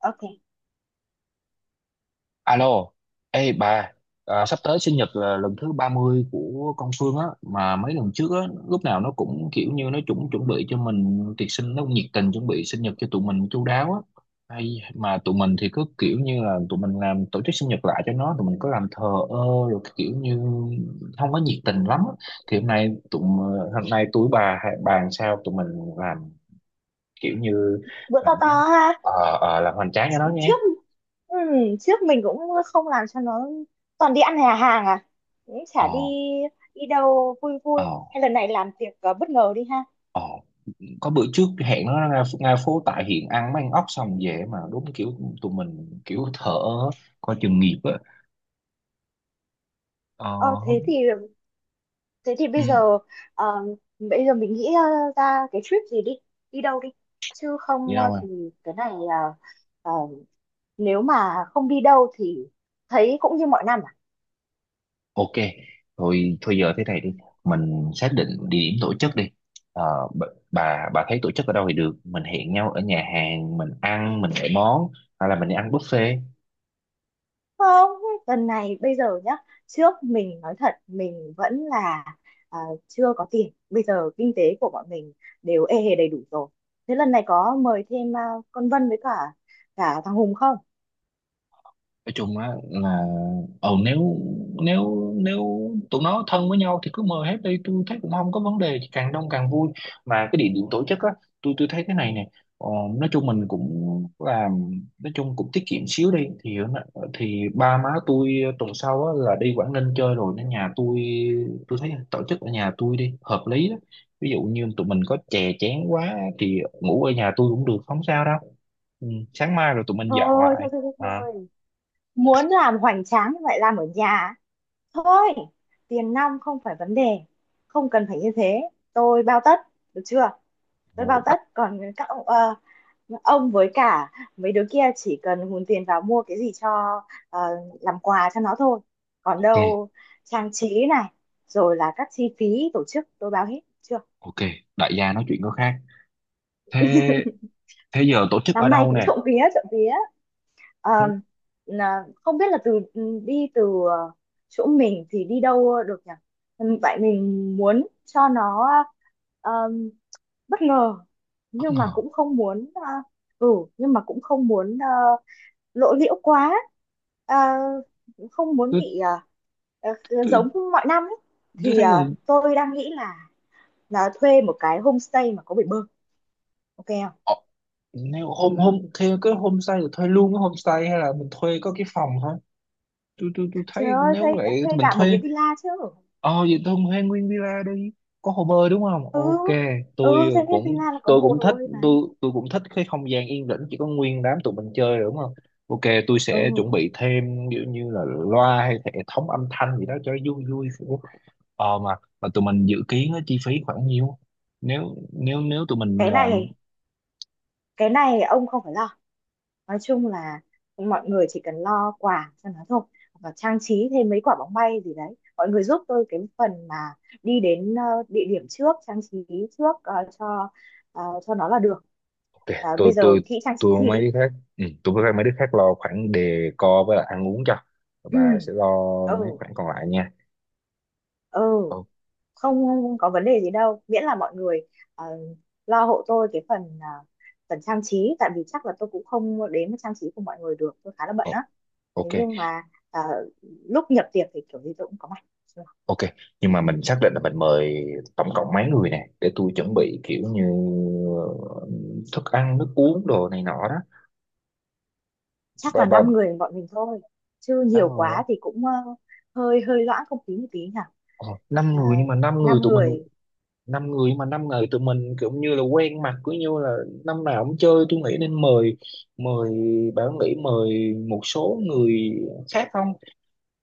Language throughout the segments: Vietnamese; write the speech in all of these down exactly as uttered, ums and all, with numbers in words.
Ok, Alo, ê bà, à, sắp tới sinh nhật là lần thứ ba mươi của con Phương á, mà mấy lần trước á, lúc nào nó cũng kiểu như nó chuẩn chuẩn bị cho mình tiệc sinh, nó cũng nhiệt tình chuẩn bị sinh nhật cho tụi mình chu đáo á. Hay mà tụi mình thì cứ kiểu như là tụi mình làm tổ chức sinh nhật lại cho nó, tụi mình có làm thờ ơ rồi cái kiểu như không có nhiệt tình lắm á. Thì hôm nay tụi hôm nay tụi bà bàn sao tụi mình làm kiểu như bữa to to ha. ờ ờ, làm hoành tráng cho nó trước nhé. ừ, Trước mình cũng không làm cho nó, toàn đi ăn nhà hàng à, cũng chả ờ đi đi đâu vui ờ vui. Hay lần này làm tiệc ờ, bất ngờ đi ha? ờ có bữa trước hẹn nó ra ra phố tại hiện ăn mấy ăn ốc xong về mà đúng kiểu tụi mình kiểu thở coi chừng nghiệp á. ờ ờ thế thì Không. thế thì bây Ừ, giờ, ờ, bây giờ mình nghĩ ờ, ra cái trip gì đi, đi đâu đi, chứ đi không đâu ờ, rồi? thì cái này ờ, ờ, nếu mà không đi đâu thì thấy cũng như mọi năm à? Ok, thôi thôi giờ thế này đi, mình xác định địa điểm tổ chức đi. ờ, b- bà bà thấy tổ chức ở đâu thì được, mình hẹn nhau ở nhà hàng mình ăn mình gọi món hay là mình đi ăn buffet? Không, lần này bây giờ nhá. Trước mình nói thật mình vẫn là à, chưa có tiền. Bây giờ kinh tế của bọn mình đều ê hề đầy đủ rồi. Thế lần này có mời thêm à, con Vân với cả cả thằng Hùng không? Nói chung á là ờ nếu nếu nếu tụi nó thân với nhau thì cứ mời hết đi, tôi thấy cũng không có vấn đề, càng đông càng vui. Mà cái địa điểm tổ chức á, tôi tôi thấy cái này nè. Ờ, nói chung mình cũng làm, nói chung cũng tiết kiệm xíu đi thì thì ba má tôi tuần sau á là đi Quảng Ninh chơi rồi nên nhà tôi tôi thấy tổ chức ở nhà tôi đi hợp lý đó. Ví dụ như tụi mình có chè chén quá thì ngủ ở nhà tôi cũng được không sao đâu. Ừ, sáng mai rồi tụi mình dọn Thôi, lại. thôi, thôi, thôi, À. thôi. Muốn làm hoành tráng như vậy làm ở nhà. Thôi, tiền nong không phải vấn đề. Không cần phải như thế. Tôi bao tất, được chưa? Tôi bao tất. Còn các ông, ờ, ông với cả mấy đứa kia chỉ cần hùn tiền vào mua cái gì cho ờ, làm quà cho nó thôi, còn Ok, đâu trang trí này rồi là các chi phí tổ chức tôi báo hết chưa. ok, đại gia nói chuyện có khác. Thế thế giờ tổ chức ở Năm nay đâu cũng nè? trộm vía trộm vía. Ờ, Thế là- không biết là từ ừ, đi từ ờ, chỗ mình thì đi đâu được nhỉ? Ừ, vậy mình muốn cho nó ờ, bất ngờ, bất nhưng mà ngờ. cũng không muốn ờ, ừ nhưng mà cũng không muốn ờ, lộ liễu quá, à, không muốn tôi bị à, à, tôi giống mọi năm ấy. tôi Thì thấy gần. à, tôi đang nghĩ là là thuê một cái homestay mà có bể bơi, ok không? Ờ, nếu hôm hôm theo cái homestay thì thuê luôn cái homestay hay là mình thuê có cái phòng thôi? Tôi tôi tôi Trời thấy ơi, nếu thuê vậy thì thuê mình cả một thuê. cái villa chứ. Ờ, vậy tôi thuê nguyên villa đi, có hồ bơi đúng không? ừ Ok, tôi ừ thuê cái cũng villa là có tôi bộ cũng hồ thích. bơi mà. Tôi tôi cũng thích cái không gian yên tĩnh chỉ có nguyên đám tụi mình chơi rồi đúng không? Ok, tôi sẽ Ừ, chuẩn bị thêm kiểu như là loa hay hệ thống âm thanh gì đó cho nó vui vui. Ờ, mà mà tụi mình dự kiến á, chi phí khoảng nhiêu? Nếu nếu nếu tụi mình cái làm. này cái này ông không phải lo. Nói chung là mọi người chỉ cần lo quà cho nó thôi, và trang trí thêm mấy quả bóng bay gì đấy. Mọi người giúp tôi cái phần mà đi đến ờ, địa điểm trước, trang trí trước ờ, cho ờ, cho nó là được. Ok, À, tôi bây giờ tôi nghĩ trang trí tôi gì mấy đi. đứa khác, ừ, tôi với mấy đứa khác lo khoản decor với lại ăn uống cho, Ừ. bà sẽ lo mấy Ừ. khoản còn lại nha. Ừ. Ô- Không, không có vấn đề gì đâu, miễn là mọi người ờ, lo hộ tôi cái phần ờ, phần trang trí, tại vì chắc là tôi cũng không đến với trang trí của mọi người được, tôi khá là bận á. ô- Thế ok, nhưng mà ờ, lúc nhập tiệc thì kiểu gì tôi cũng có mặt. ok. Nhưng mà mình xác định là mình mời tổng cộng mấy người nè để tôi chuẩn bị kiểu như ờ, thức ăn nước uống đồ này nọ đó. Chắc Ba là năm ba người bọn mình thôi, chứ Năm nhiều người đó. quá thì cũng ờ, hơi hơi loãng không khí một tí nhỉ. Ờ, năm Ờ, người, nhưng mà năm người năm tụi mình, người. năm người mà năm người tụi mình kiểu như là quen mặt, cứ như là năm nào cũng chơi, tôi nghĩ nên mời, mời bảo nghĩ mời một số người khác không?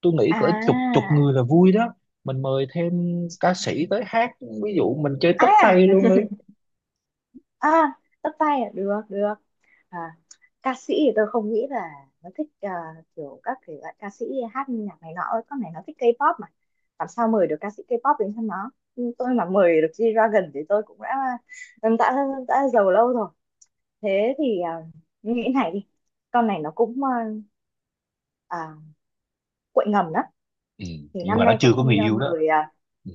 Tôi nghĩ cỡ chục chục à người là vui đó, mình mời thêm ca sĩ tới hát, ví dụ mình chơi tất ai à? tay luôn đi. à tất tay à? Được được. à, ca sĩ thì tôi không nghĩ là nó thích ờ, kiểu các thể loại ca sĩ hát nhạc này nọ. Con này nó thích K-pop mà, làm sao mời được ca sĩ K-pop đến cho nó. Nhưng tôi mà mời được G-Dragon thì tôi cũng đã đã đã giàu lâu rồi. Thế thì ờ, nghĩ này đi, con này nó cũng ờ, à, quậy ngầm đó. Ừ, Thì nhưng năm mà nó nay có chưa có người nên ờ, yêu đó. mời ờ, Ừ.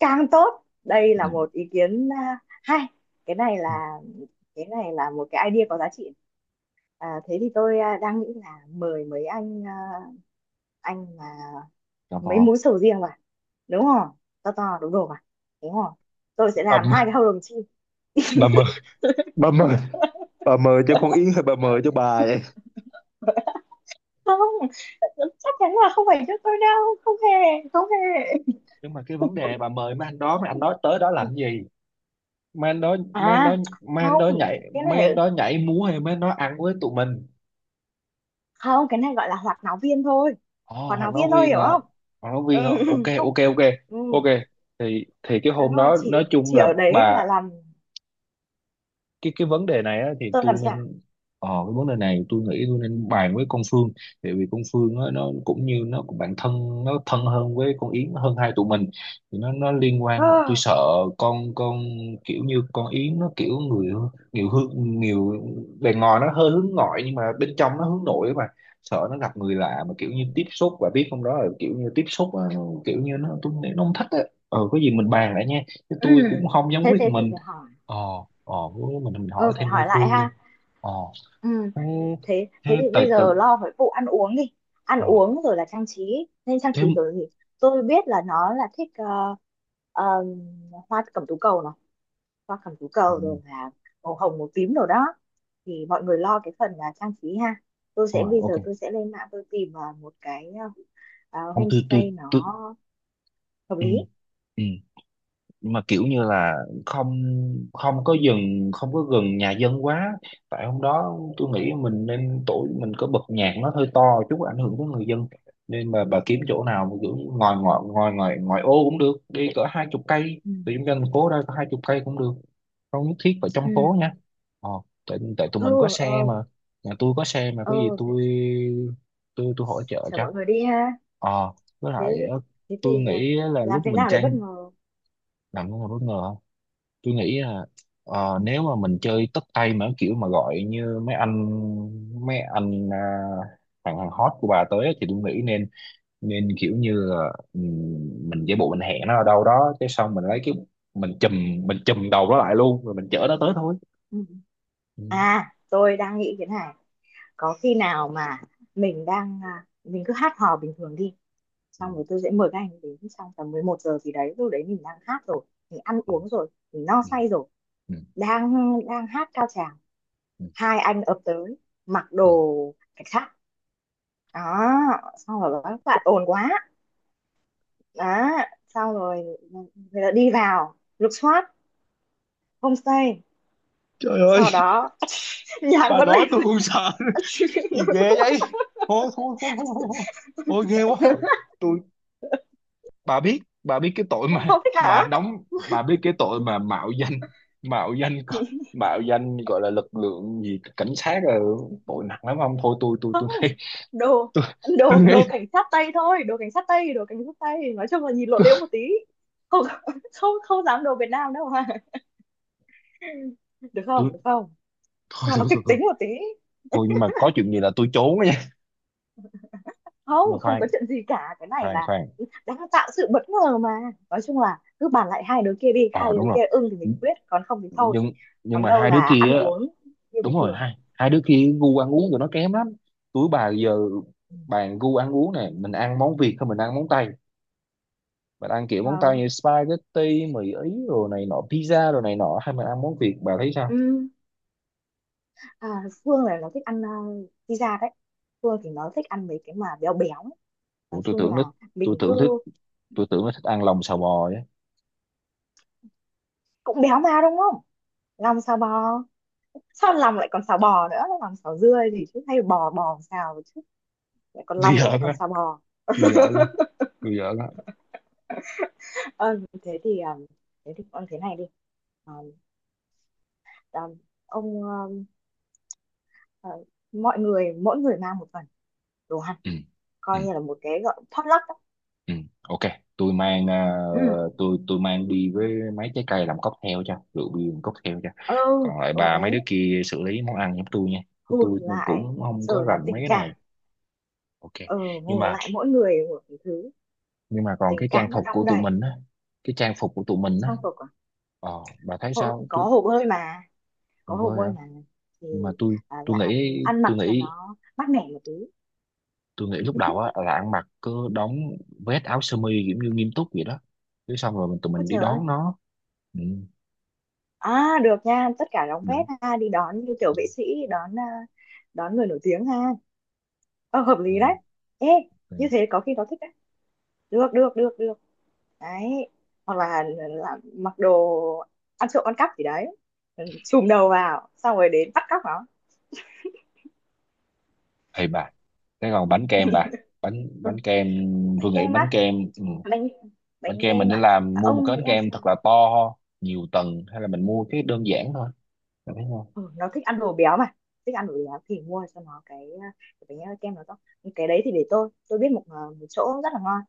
Cang tốt, đây Ừ. là một ý kiến à, hay. cái này là cái này là một cái idea có giá trị. à, thế thì tôi à, đang nghĩ là mời mấy anh à, anh mà Tò mò. mấy múi sầu riêng vào, đúng không? To to đúng đồ mà, đúng không? Tôi sẽ bà làm mời hai cái hầu đồng chim. bà mời bà mời bà mời cho con Yến hay bà mời cho bà vậy? Không, chắc chắn là không phải cho tôi đâu. Không hề, không hề. Nhưng mà cái vấn đề bà mời mấy anh đó, mấy anh đó tới đó làm gì? men đó men đó à men không, đó nhảy cái này Men đó nhảy múa hay men đó ăn với tụi mình? không, cái này gọi là hoạt náo viên thôi, Ồ, hoạt Hoàng náo nói viên thôi, viên hiểu à? không? Hoàng nói Ừ, viên à? Ok, không. ok, ok, Ừ, ok. Thì thì cái thế hôm thôi. đó chỉ nói chung Chỉ là ở đấy bà. là làm, cái Cái vấn đề này á, thì tôi làm tôi giả. nên ờ, cái vấn đề này tôi nghĩ tôi nên bàn với con Phương. Tại vì con Phương á, nó cũng như nó cũng bạn thân, nó thân hơn với con Yến hơn hai tụi mình, thì nó nó liên quan tôi Ờ, sợ con con, kiểu như con Yến nó kiểu người nhiều hướng nhiều, bề ngoài nó hơi hướng ngoại nhưng mà bên trong nó hướng nội mà, sợ nó gặp người lạ mà kiểu như tiếp xúc và biết không, đó là kiểu như tiếp xúc á, kiểu như nó tôi nghĩ nó không thích á. Ờ, có gì mình bàn lại nha, chứ ừ, tôi cũng không dám thế quyết thế thì mình. phải hỏi. ờ ờ với mình mình Ừ, hỏi phải thêm Đông hỏi lại Phương đi. ha. Ờ. Ừ, thế thế thế thế thì tại bây tự giờ lo với vụ ăn uống đi. Ăn ờ uống rồi là trang trí, nên trang Thế. trí kiểu gì? Tôi biết là nó là thích ờ, ờ, hoa cẩm tú cầu này, hoa cẩm tú Ừ, cầu, ừ. rồi là màu hồng màu tím rồi đó. Thì mọi người lo cái phần là trang trí ha. tôi sẽ Rồi bây ok. giờ tôi sẽ lên mạng tôi tìm ờ, một cái ờ, ờ, Ông tư tư homestay tư. nó hợp Ừ, lý. ừ. Nhưng mà kiểu như là không, không có dừng, không có gần nhà dân quá, tại hôm đó tôi nghĩ mình nên tổ mình có bật nhạc nó hơi to chút ảnh hưởng tới người dân, nên mà bà kiếm chỗ nào mà kiểu ngồi ngoài ngoài ngoài ngoài ô cũng được đi, cỡ hai chục cây Ừ. từ trung tâm thành phố ra, cỡ hai chục cây cũng được, không nhất thiết phải trong phố Ừ. nha. Ờ, tại tại tụi mình có xe Ừ. mà, nhà tôi có xe mà, Ừ. có gì Ừ. tôi tôi tôi hỗ trợ Chở cho. mọi người đi ha. Ờ, với Thế lại ờ, Thế tôi thì à, nghĩ là làm lúc thế mình nào để bất tranh ngờ? làm nó là bất ngờ, tôi nghĩ là ờ, nếu mà mình chơi tất tay mà kiểu mà gọi như mấy anh, mấy anh à, thằng hàng hot của bà tới á, thì tôi nghĩ nên nên kiểu như là, ừm, mình giả bộ mình hẹn nó ở đâu đó cái xong mình lấy cái, mình chùm mình chùm đầu nó lại luôn rồi mình chở nó tới thôi. Ừ. Ừ, à tôi đang nghĩ thế này, có khi nào mà mình đang à, mình cứ hát hò bình thường đi, ừ, xong rồi tôi sẽ mời các anh đến trong tầm mười một giờ gì đấy, lúc đấy mình đang hát rồi, mình ăn ừ, uống rồi, mình no ừ, say rồi, ừ, đang đang hát cao trào, ừ, hai anh ập tới mặc ừ. đồ cảnh sát đó, xong rồi bảo các bạn ồn quá. Đó, xong rồi người ta đi vào lục soát homestay, Trời ơi, sau đó nhạc bà vẫn nói lên. tôi cũng sợ. Gì ghê vậy? Thôi, thôi, thôi, thôi, thôi, thôi. Ghê quá. Tôi, bà biết, bà biết cái tội mà Không thích mà hả? đóng, bà biết cái tội mà mạo danh, mạo danh mạo danh gọi là lực lượng gì cảnh sát là tội nặng lắm không, thôi tôi tôi Không, tôi nghĩ đồ tôi tôi đồ nghĩ đồ cảnh sát tây thôi, đồ cảnh sát tây, đồ cảnh sát tây, nói chung là nhìn lộ tôi, liễu một tí. Không, không, không dám đồ Việt Nam đâu mà. Được tôi. không, được không? Thôi, Cho nó thôi, kịch thôi, thôi, tính một tí. thôi. Nhưng mà có chuyện gì là tôi trốn á nha. Nhưng mà Không, không khoan, có chuyện gì cả, cái này khoan, là khoan. đang tạo sự bất ngờ mà. Nói chung là cứ bàn lại hai đứa kia đi, Ờ, hai đúng đứa rồi, kia ưng thì mình quyết, còn không thì thôi. nhưng nhưng Còn mà đâu hai đứa là kia ăn á. uống như Đúng bình rồi, thường. hai hai đứa kia gu ăn uống tụi nó kém lắm. Tụi bà giờ Ừ. bàn gu ăn uống này, mình ăn món Việt hay mình ăn món Tây? Bạn ăn kiểu món Ờ, tao như spaghetti mì ý rồi này nọ, pizza rồi này nọ hay mình ăn món Việt, bà thấy sao? à, Phương là nó thích ăn uh, pizza đấy. Phương thì nó thích ăn mấy cái mà béo béo ấy. Nói Ủa, tôi chung tưởng nó, là tôi mình tưởng thích cứ tôi tưởng nó thích ăn lòng xào bò á. cũng béo mà đúng không. Lòng xào bò? Sao lòng lại còn xào bò nữa, lòng xào dưa gì chứ, hay bò bò xào chứ, lại còn Tôi lòng lại giỡn còn á, xào bò. tôi giỡn á, tôi giỡn á. Ờ, thế thì ờ, thế thì con thế này đi. Ờ, ờ, ông ờ, ờ, mọi người, mỗi người mang một phần đồ ăn, Ừ. Ừ, coi như là một cái gọi potluck ấy. ừ. Ok, tôi mang, à, Ừ, tôi tôi mang đi với mấy trái cây làm cocktail cho rượu bia làm cocktail cho, ừ. còn lại Ừ bà mấy đấy, đứa kia xử lý món ăn giống tôi nha, tôi hùn lại cũng không có rồi là rành mấy tình cái cảm. này. Ok. Ừ, nhưng hùn mà lại mỗi người một cái thứ, nhưng mà còn tình cái trang cảm nó phục của đong tụi đầy. mình á, cái trang phục của tụi mình á. Trang phục à? Ờ, bà thấy Hô- sao? Có Tôi hồ bơi mà, có tôi hồ vơi hả? bơi mà, thì Nhưng mà tôi à, tôi là nghĩ, ăn tôi mặc cho nghĩ nó mát mẻ một tí. tôi nghĩ lúc đầu á là ăn mặc cứ đóng vest áo sơ mi kiểu như nghiêm túc vậy đó. Chứ xong rồi mình tụi Ôi mình đi trời ơi, đón nó. Ừ, à được nha, tất cả đóng được. vét ha, đi đón như kiểu vệ sĩ, đón à, đón người nổi tiếng ha. Ờ, hợp lý đấy. Ừ, Ê, ừ. như thế có khi nó thích đấy, được được được được đấy. Hoặc là, là mặc đồ ăn trộm ăn cắp gì đấy, ừ, chùm đầu vào xong rồi đến bắt cóc nó. Ê bà, cái còn bánh kem bà, bánh Ừ. bánh kem, Bánh tôi nghĩ kem á. bánh kem. Ừ. Bánh Bánh Bánh kem mình kem nên à? làm Dạ, mua một ông cái nghĩ bánh làm kem sao? thật là to nhiều tầng hay là mình mua cái đơn giản thôi. Bà thấy không? Ừ, nó thích ăn đồ béo mà, thích ăn đồ béo thì mua cho nó cái, ờ, cái bánh kem nó to. Cái đấy thì để tôi tôi biết một ờ, một chỗ rất là ngon,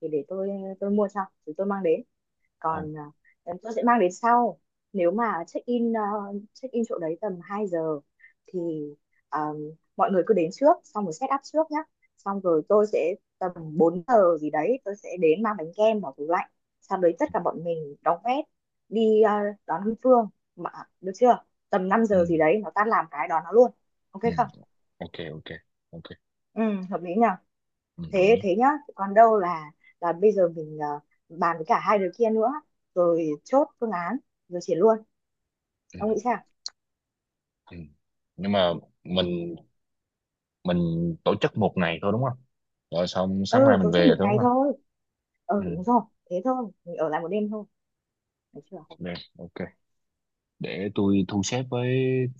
thì để tôi tôi mua cho, thì tôi mang đến. Ồ, Còn à, tôi sẽ mang đến sau. Nếu mà check in à, check in chỗ đấy tầm hai giờ, thì à, mọi người cứ đến trước xong rồi set up trước nhá, xong rồi tôi sẽ tầm bốn giờ gì đấy tôi sẽ đến mang bánh kem vào tủ lạnh, sau đấy tất cả bọn mình đóng vét đi à, đón Hương Phương, mà được chưa, tầm năm ừ, giờ gì đấy nó tan làm cái đón nó luôn, ok ừ. không? Ok, ok, ok. Ừ, hợp lý nhỉ. Ừ, đồng Thế ý. Thế nhá. Còn đâu là là bây giờ mình ờ, bàn với cả hai đứa kia nữa, rồi chốt phương án, rồi triển luôn. Ừ, Ông nghĩ sao? ừ. Nhưng mà mình mình tổ chức một ngày thôi đúng không, rồi xong sáng mai Ừ, mình tổ chức về một thôi đúng ngày không? thôi. Ừ Ừ, đúng rồi, thế thôi mình ở lại một đêm thôi, được chưa? được, ok. Để tôi thu xếp với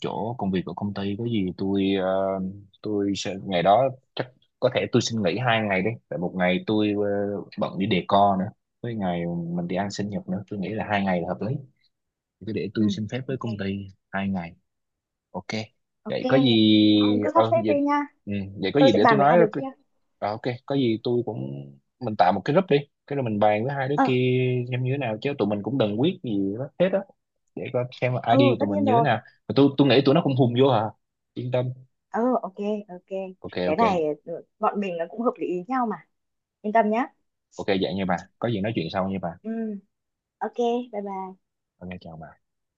chỗ công việc của công ty, có gì tôi ờ, tôi sẽ ngày đó, chắc có thể tôi xin nghỉ hai ngày đi, tại một ngày tôi ờ, bận đi decor nữa, với ngày mình đi ăn sinh nhật nữa, tôi nghĩ là hai ngày là hợp lý, cứ để Ừ, tôi xin phép với ok. công ty hai ngày. Ok. Vậy Ok, có gì ông cứ sắp ờ xếp vậy, đi nha, ừ, vậy có tôi gì sẽ để tôi bàn với nói. hai Rồi đứa kia. ok, có gì tôi cũng mình tạo một cái group đi, cái rồi mình bàn với hai đứa Ờ. kia xem như thế nào, chứ tụi mình cũng đừng quyết gì đó hết á, để coi xem là Ừ, i đê tất của tụi mình nhiên như thế rồi. nào. Mà tôi tôi nghĩ tụi nó cũng hùng vô hả? Yên tâm. Ờ, ok. Ok, Ok, cái ok. này ừ, bọn mình nó cũng hợp lý ý nhau mà, yên tâm nhá. Ok vậy nha bà. Có gì nói chuyện sau nha bà. Ừ, ok, bye bye. Ok chào bà.